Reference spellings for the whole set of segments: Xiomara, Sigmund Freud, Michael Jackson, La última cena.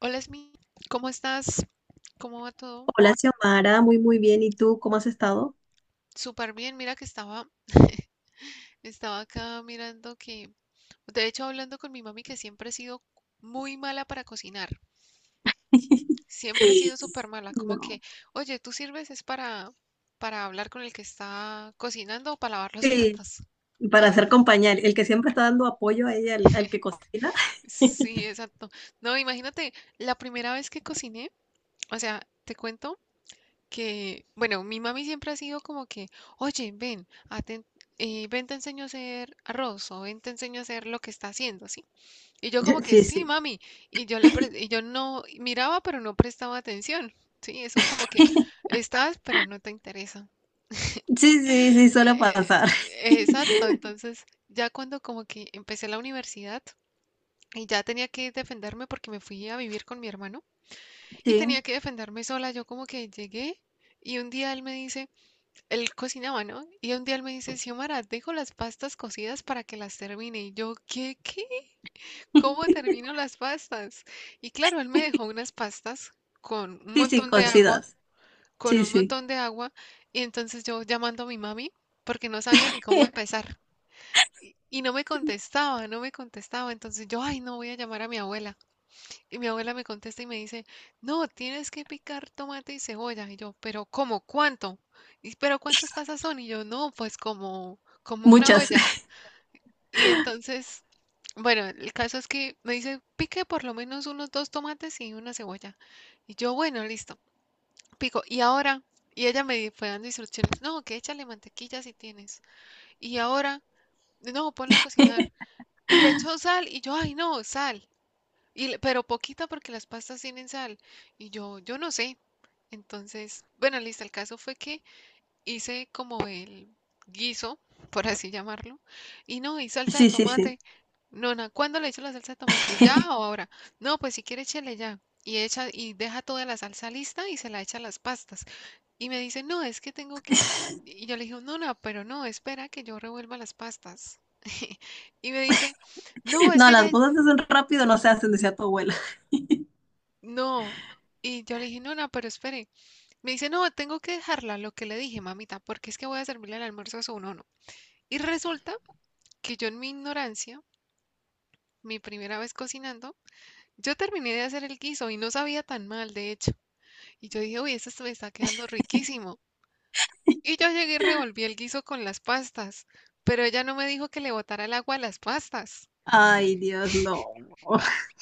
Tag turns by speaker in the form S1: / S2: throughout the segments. S1: Hola, Esmi, ¿cómo estás? ¿Cómo va todo?
S2: Hola, Xiomara, muy muy bien. ¿Y tú cómo has estado?
S1: Súper bien, mira que estaba, estaba acá mirando que, de hecho, hablando con mi mami que siempre he sido muy mala para cocinar, siempre he sido súper mala, como
S2: No.
S1: que, oye, tú sirves es para hablar con el que está cocinando o para lavar los
S2: Sí,
S1: platos.
S2: para hacer compañía, el que siempre está dando apoyo a ella, al que cocina.
S1: Sí, exacto. No, imagínate, la primera vez que cociné, o sea, te cuento, que, bueno, mi mami siempre ha sido como que, oye, ven, ven, te enseño a hacer arroz o ven, te enseño a hacer lo que está haciendo, ¿sí? Y yo como que,
S2: Sí,
S1: sí,
S2: sí.
S1: mami, y y yo no miraba, pero no prestaba atención, ¿sí? Eso como que estás, pero no te interesa.
S2: Sí, sí, sí, suele pasar.
S1: Exacto, entonces ya cuando como que empecé la universidad y ya tenía que defenderme porque me fui a vivir con mi hermano y
S2: Sí,
S1: tenía que defenderme sola, yo como que llegué y un día él me dice, él cocinaba, ¿no? Y un día él me dice, Xiomara, dejo las pastas cocidas para que las termine. Y yo, ¿qué, qué? ¿Cómo termino las pastas? Y claro, él me dejó unas pastas con un
S2: sí, sí,
S1: montón de agua,
S2: cocidas.
S1: con
S2: Sí,
S1: un
S2: sí.
S1: montón de agua. Y entonces yo llamando a mi mami, porque no sabía ni cómo empezar. Y no me contestaba, no me contestaba. Entonces yo, ay, no voy a llamar a mi abuela. Y mi abuela me contesta y me dice, no, tienes que picar tomate y cebolla. Y yo, pero ¿cómo? ¿Cuánto? Y, pero ¿cuántas pasas son? Y yo, no, pues como, como una
S2: Muchas.
S1: olla. Y entonces, bueno, el caso es que me dice, pique por lo menos unos dos tomates y una cebolla. Y yo, bueno, listo, pico. Y ahora, y ella me fue dando instrucciones, no, que échale mantequilla si tienes. Y ahora, no, ponlo a cocinar. Y le echó sal y yo, ay, no, sal. Y, pero poquita porque las pastas tienen sal. Y yo no sé. Entonces, bueno, listo, el caso fue que hice como el guiso, por así llamarlo. Y no, y salsa de
S2: Sí, sí, sí.
S1: tomate. Nona, ¿cuándo le echo la salsa de tomate? ¿Ya o ahora? No, pues si quiere échele ya. Y echa y deja toda la salsa lista y se la echa a las pastas. Y me dice, "No, es que tengo que." Y yo le dije, "Nona, pero no, espera que yo revuelva las pastas." Y me dice, "No, es
S2: No,
S1: que ya"
S2: las cosas se hacen rápido, no se hacen, decía tu abuela.
S1: No. Y yo le dije, no, no, pero espere. Me dice, no, tengo que dejarla, lo que le dije, mamita, porque es que voy a servirle el almuerzo a su nono. Y resulta que yo en mi ignorancia, mi primera vez cocinando, yo terminé de hacer el guiso y no sabía tan mal, de hecho. Y yo dije, uy, esto me está quedando riquísimo. Y yo llegué y revolví el guiso con las pastas, pero ella no me dijo que le botara el agua a las pastas.
S2: Ay, Dios, no.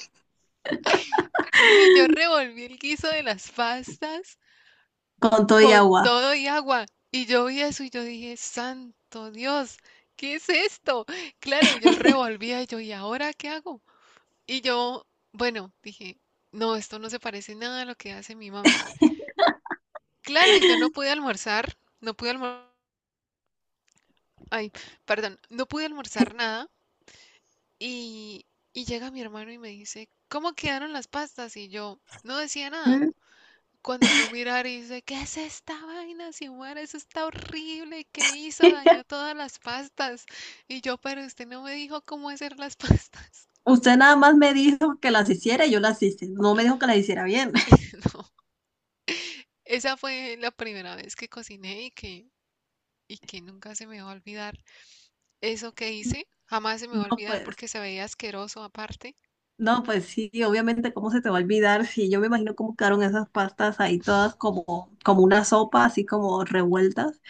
S1: Y yo revolví el guiso de las pastas
S2: Con todo y
S1: con
S2: agua.
S1: todo y agua. Y yo vi eso y yo dije, santo Dios, ¿qué es esto? Claro, y yo revolvía y yo, ¿y ahora qué hago? Y yo, bueno, dije, no, esto no se parece nada a lo que hace mi mami. Claro, y yo no pude almorzar, no pude, alm- ay, perdón, no pude almorzar nada. Y, y llega mi hermano y me dice, ¿cómo quedaron las pastas? Y yo no decía nada.
S2: Mm.
S1: Cuando fue a mirar y dice, ¿qué es esta vaina, Xiomara? Eso está horrible. ¿Qué hizo? Dañó todas las pastas. Y yo, pero usted no me dijo cómo hacer las pastas.
S2: Usted nada más me dijo que las hiciera y yo las hice. No me dijo que las hiciera bien.
S1: No, esa fue la primera vez que cociné y que nunca se me va a olvidar eso que hice. Jamás se me va a
S2: No,
S1: olvidar
S2: pues,
S1: porque se veía asqueroso aparte.
S2: no, pues sí, obviamente, ¿cómo se te va a olvidar? Sí, yo me imagino cómo quedaron esas pastas ahí todas como, como una sopa, así como revueltas.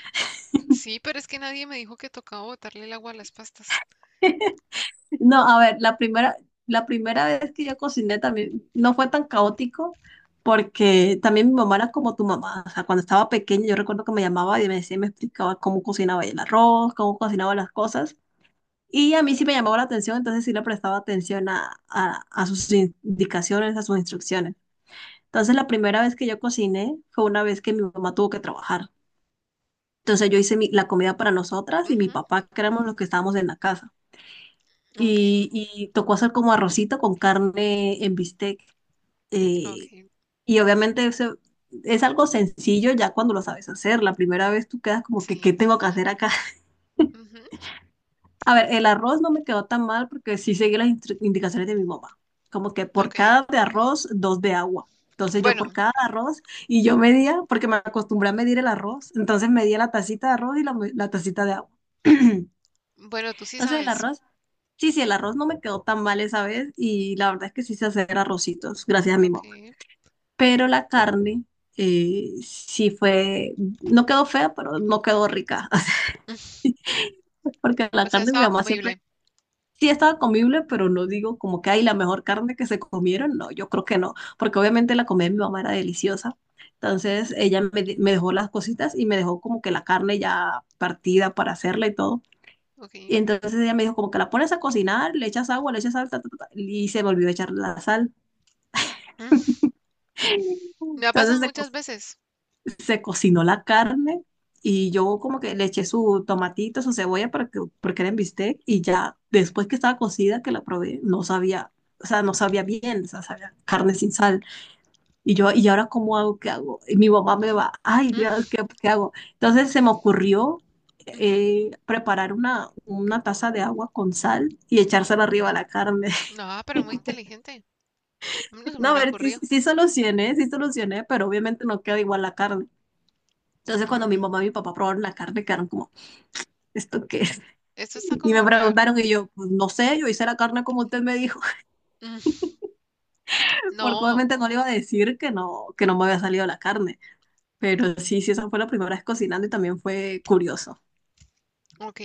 S1: Sí, pero es que nadie me dijo que tocaba botarle el agua a las pastas.
S2: No, a ver, la primera vez que yo cociné también no fue tan caótico porque también mi mamá era como tu mamá. O sea, cuando estaba pequeña yo recuerdo que me llamaba y me decía, y me explicaba cómo cocinaba el arroz, cómo cocinaba las cosas. Y a mí sí me llamaba la atención, entonces sí le prestaba atención a sus indicaciones, a sus instrucciones. Entonces, la primera vez que yo cociné fue una vez que mi mamá tuvo que trabajar. Entonces, yo hice la comida para nosotras y mi
S1: Ujú,
S2: papá, que éramos los que estábamos en la casa.
S1: ok,
S2: Y tocó hacer como arrocito con carne en bistec. eh,
S1: ok,
S2: y obviamente eso es algo sencillo ya cuando lo sabes hacer. La primera vez tú quedas como que, ¿qué
S1: sí.
S2: tengo que hacer acá?
S1: Ujú,
S2: A ver, el arroz no me quedó tan mal porque sí seguí las indicaciones de mi mamá. Como que por
S1: ok.
S2: cada de arroz, dos de agua. Entonces yo por
S1: Bueno,
S2: cada arroz, y yo medía, porque me acostumbré a medir el arroz, entonces medía la tacita de arroz y la tacita de agua.
S1: bueno, tú sí
S2: Entonces el
S1: sabes.
S2: arroz, sí, sí, el arroz no me quedó tan mal esa vez y la verdad es que sí sé hacer arrocitos, gracias a mi
S1: Ok.
S2: mamá. Pero la carne, sí fue, no quedó fea, pero no quedó rica. Porque la
S1: O sea,
S2: carne de mi
S1: estaba
S2: mamá siempre
S1: comible.
S2: sí estaba comible, pero no digo como que hay la mejor carne que se comieron, no, yo creo que no, porque obviamente la comida de mi mamá era deliciosa.
S1: Ujú,
S2: Entonces ella me, me dejó las cositas y me dejó como que la carne ya partida para hacerla y todo. Y
S1: ok.
S2: entonces ella me dijo como que la pones a cocinar, le echas agua, le echas sal, ta, ta, ta, ta, y se me olvidó echar la sal.
S1: Mm, me ha
S2: Entonces
S1: pasado
S2: se
S1: muchas veces.
S2: se cocinó la carne y yo como que le eché su tomatito, su cebolla para que, porque era en bistec y ya después que estaba cocida que la probé, no sabía, o sea, no sabía bien, o sea, sabía carne sin sal. Y yo, ¿y ahora cómo hago? ¿Qué hago? Y mi mamá me va, ay
S1: Mm,
S2: Dios, ¿qué, qué hago? Entonces se me ocurrió,
S1: ujú.
S2: preparar una taza de agua con sal y echársela arriba a la carne.
S1: No, pero muy inteligente. A mí no se me
S2: No, a
S1: hubiera
S2: ver, sí,
S1: ocurrido.
S2: sí sí solucioné, pero obviamente no queda igual la carne. Entonces, cuando mi
S1: Mm,
S2: mamá y mi papá probaron la carne, quedaron como, ¿esto qué es?
S1: esto está
S2: Y me
S1: como raro.
S2: preguntaron y yo, pues no sé, yo hice la carne como usted me dijo,
S1: Mm,
S2: porque
S1: no,
S2: obviamente no le iba a decir que no me había salido la carne. Pero sí, sí, esa fue la primera vez cocinando y también fue curioso.
S1: ok.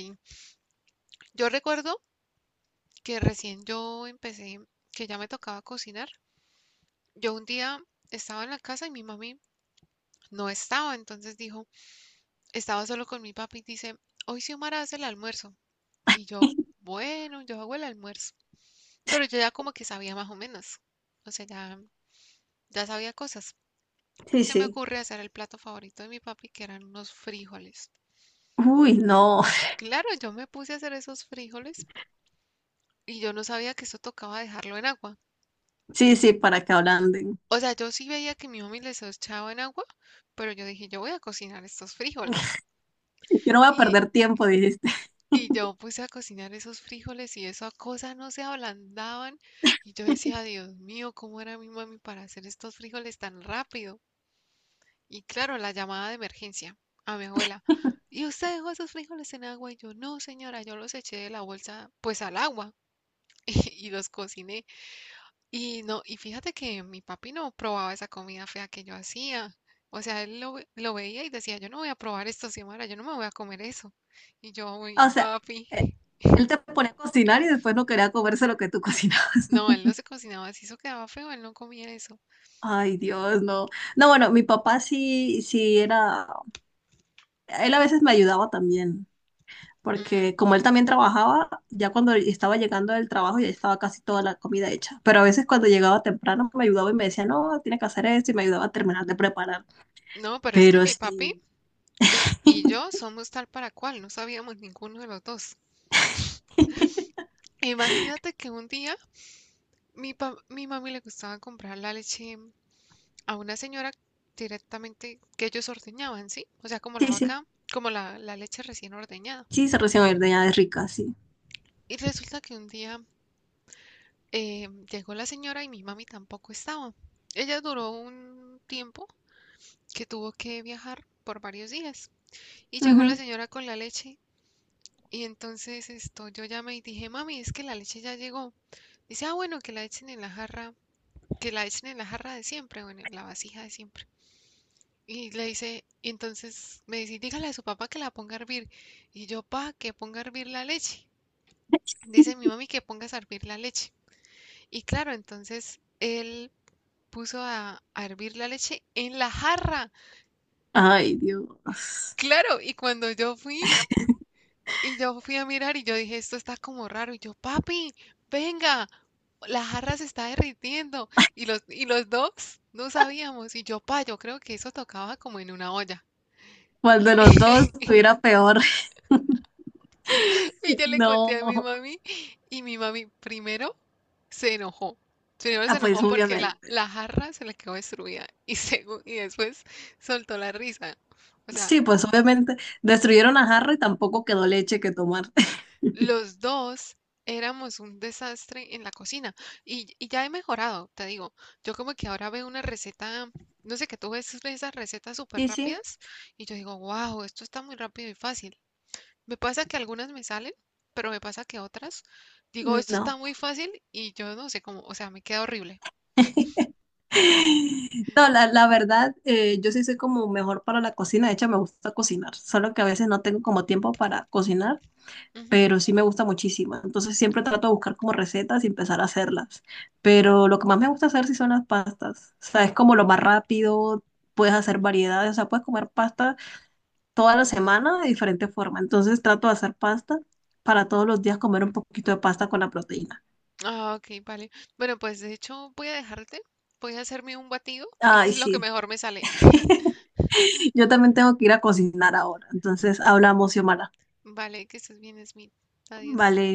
S1: Yo recuerdo que recién yo empecé, que ya me tocaba cocinar. Yo un día estaba en la casa y mi mami no estaba, entonces dijo, estaba solo con mi papi y dice, hoy Xiomara hace el almuerzo. Y yo, bueno, yo hago el almuerzo. Pero yo ya como que sabía más o menos. O sea, ya, ya sabía cosas.
S2: Sí,
S1: Y se me
S2: sí.
S1: ocurre hacer el plato favorito de mi papi, que eran unos frijoles.
S2: Uy, no.
S1: Claro, yo me puse a hacer esos frijoles y yo no sabía que eso tocaba dejarlo en agua.
S2: Sí, sí, para que ablanden.
S1: O sea, yo sí veía que mi mami les echaba en agua, pero yo dije, yo voy a cocinar estos frijoles.
S2: Yo no voy a perder
S1: Y,
S2: tiempo, dijiste.
S1: y yo puse a cocinar esos frijoles y esa cosa no se ablandaban. Y yo decía, Dios mío, ¿cómo era mi mami para hacer estos frijoles tan rápido? Y claro, la llamada de emergencia a mi abuela. ¿Y usted dejó esos frijoles en agua? Y yo, no, señora, yo los eché de la bolsa, pues al agua. Y, los cociné. Y no, y fíjate que mi papi no probaba esa comida fea que yo hacía. O sea, lo veía y decía, yo no voy a probar esto, Xiomara, yo no me voy a comer eso. Y yo, uy,
S2: O sea,
S1: papi.
S2: eh, él te ponía a cocinar y después no quería comerse lo que tú cocinabas.
S1: No, él no se cocinaba así, eso quedaba feo, él no comía eso.
S2: Ay, Dios, no. No, bueno, mi papá sí, sí era, él a veces me ayudaba también,
S1: Mm,
S2: porque como él también trabajaba, ya cuando estaba llegando del trabajo ya estaba casi toda la comida hecha. Pero a veces cuando llegaba temprano me ayudaba y me decía, no, tiene que hacer esto, y me ayudaba a terminar de preparar.
S1: no, pero es que
S2: Pero
S1: mi papi
S2: sí,
S1: es, y yo somos tal para cual, no sabíamos ninguno de los dos. Imagínate que un día mi mami le gustaba comprar la leche a una señora directamente que ellos ordeñaban, ¿sí? O sea, como
S2: sí,
S1: la
S2: sí,
S1: vaca, como la leche recién ordeñada.
S2: sí, se recién ordeñada es rica, sí.
S1: Y resulta que un día llegó la señora y mi mami tampoco estaba. Ella duró un tiempo que tuvo que viajar por varios días. Y llegó la
S2: Ujú.
S1: señora con la leche y entonces esto, yo llamé y dije, mami, es que la leche ya llegó. Dice, ah, bueno, que la echen en la jarra, que la echen en la jarra de siempre o en la vasija de siempre. Y le dice, y entonces me dice, dígale a su papá que la ponga a hervir. Y yo, pa, que ponga a hervir la leche. Dice mi mami que pongas a hervir la leche. Y claro, entonces él puso a hervir la leche en la jarra.
S2: Ay, Dios.
S1: Claro, y cuando yo fui, y yo fui a mirar y yo dije, esto está como raro. Y yo, papi, venga, la jarra se está derritiendo. Y los dos no sabíamos. Y yo, pa, yo creo que eso tocaba como en una olla.
S2: ¿Cuál de los dos estuviera peor?
S1: Y yo le conté a mi
S2: No,
S1: mami y mi mami primero se enojó. Primero se
S2: ah, pues
S1: enojó porque la,
S2: obviamente.
S1: la jarra se le quedó destruida y después soltó la risa. O sea,
S2: Sí, pues obviamente destruyeron a Harry, tampoco quedó leche que tomar.
S1: los dos éramos un desastre en la cocina y ya he mejorado, te digo. Yo como que ahora veo una receta, no sé, que tú ves esas recetas súper
S2: Sí, sí,
S1: rápidas y yo digo, wow, esto está muy rápido y fácil. Me pasa que algunas me salen, pero me pasa que otras digo, esto
S2: no.
S1: está muy fácil y yo no sé cómo, o sea, me queda horrible.
S2: No, la verdad, yo sí soy como mejor para la cocina, de hecho me gusta cocinar, solo que a veces no tengo como tiempo para cocinar,
S1: Ujú,
S2: pero sí me gusta muchísimo, entonces siempre trato de buscar como recetas y empezar a hacerlas, pero lo que más me gusta hacer sí son las pastas, o sea, es como lo más rápido, puedes hacer variedades, o sea, puedes comer pasta toda la
S1: mm,
S2: semana de diferente forma, entonces trato de hacer pasta para todos los días comer un poquito de pasta con la proteína.
S1: ah, ok, vale. Bueno, pues de hecho voy a dejarte, voy a hacerme un batido, eso
S2: Ay,
S1: es lo que
S2: sí.
S1: mejor me sale.
S2: Yo también tengo que ir a cocinar ahora. Entonces hablamos, Xiomara.
S1: Vale, que estés bien, Smith. Adiós.
S2: Vale.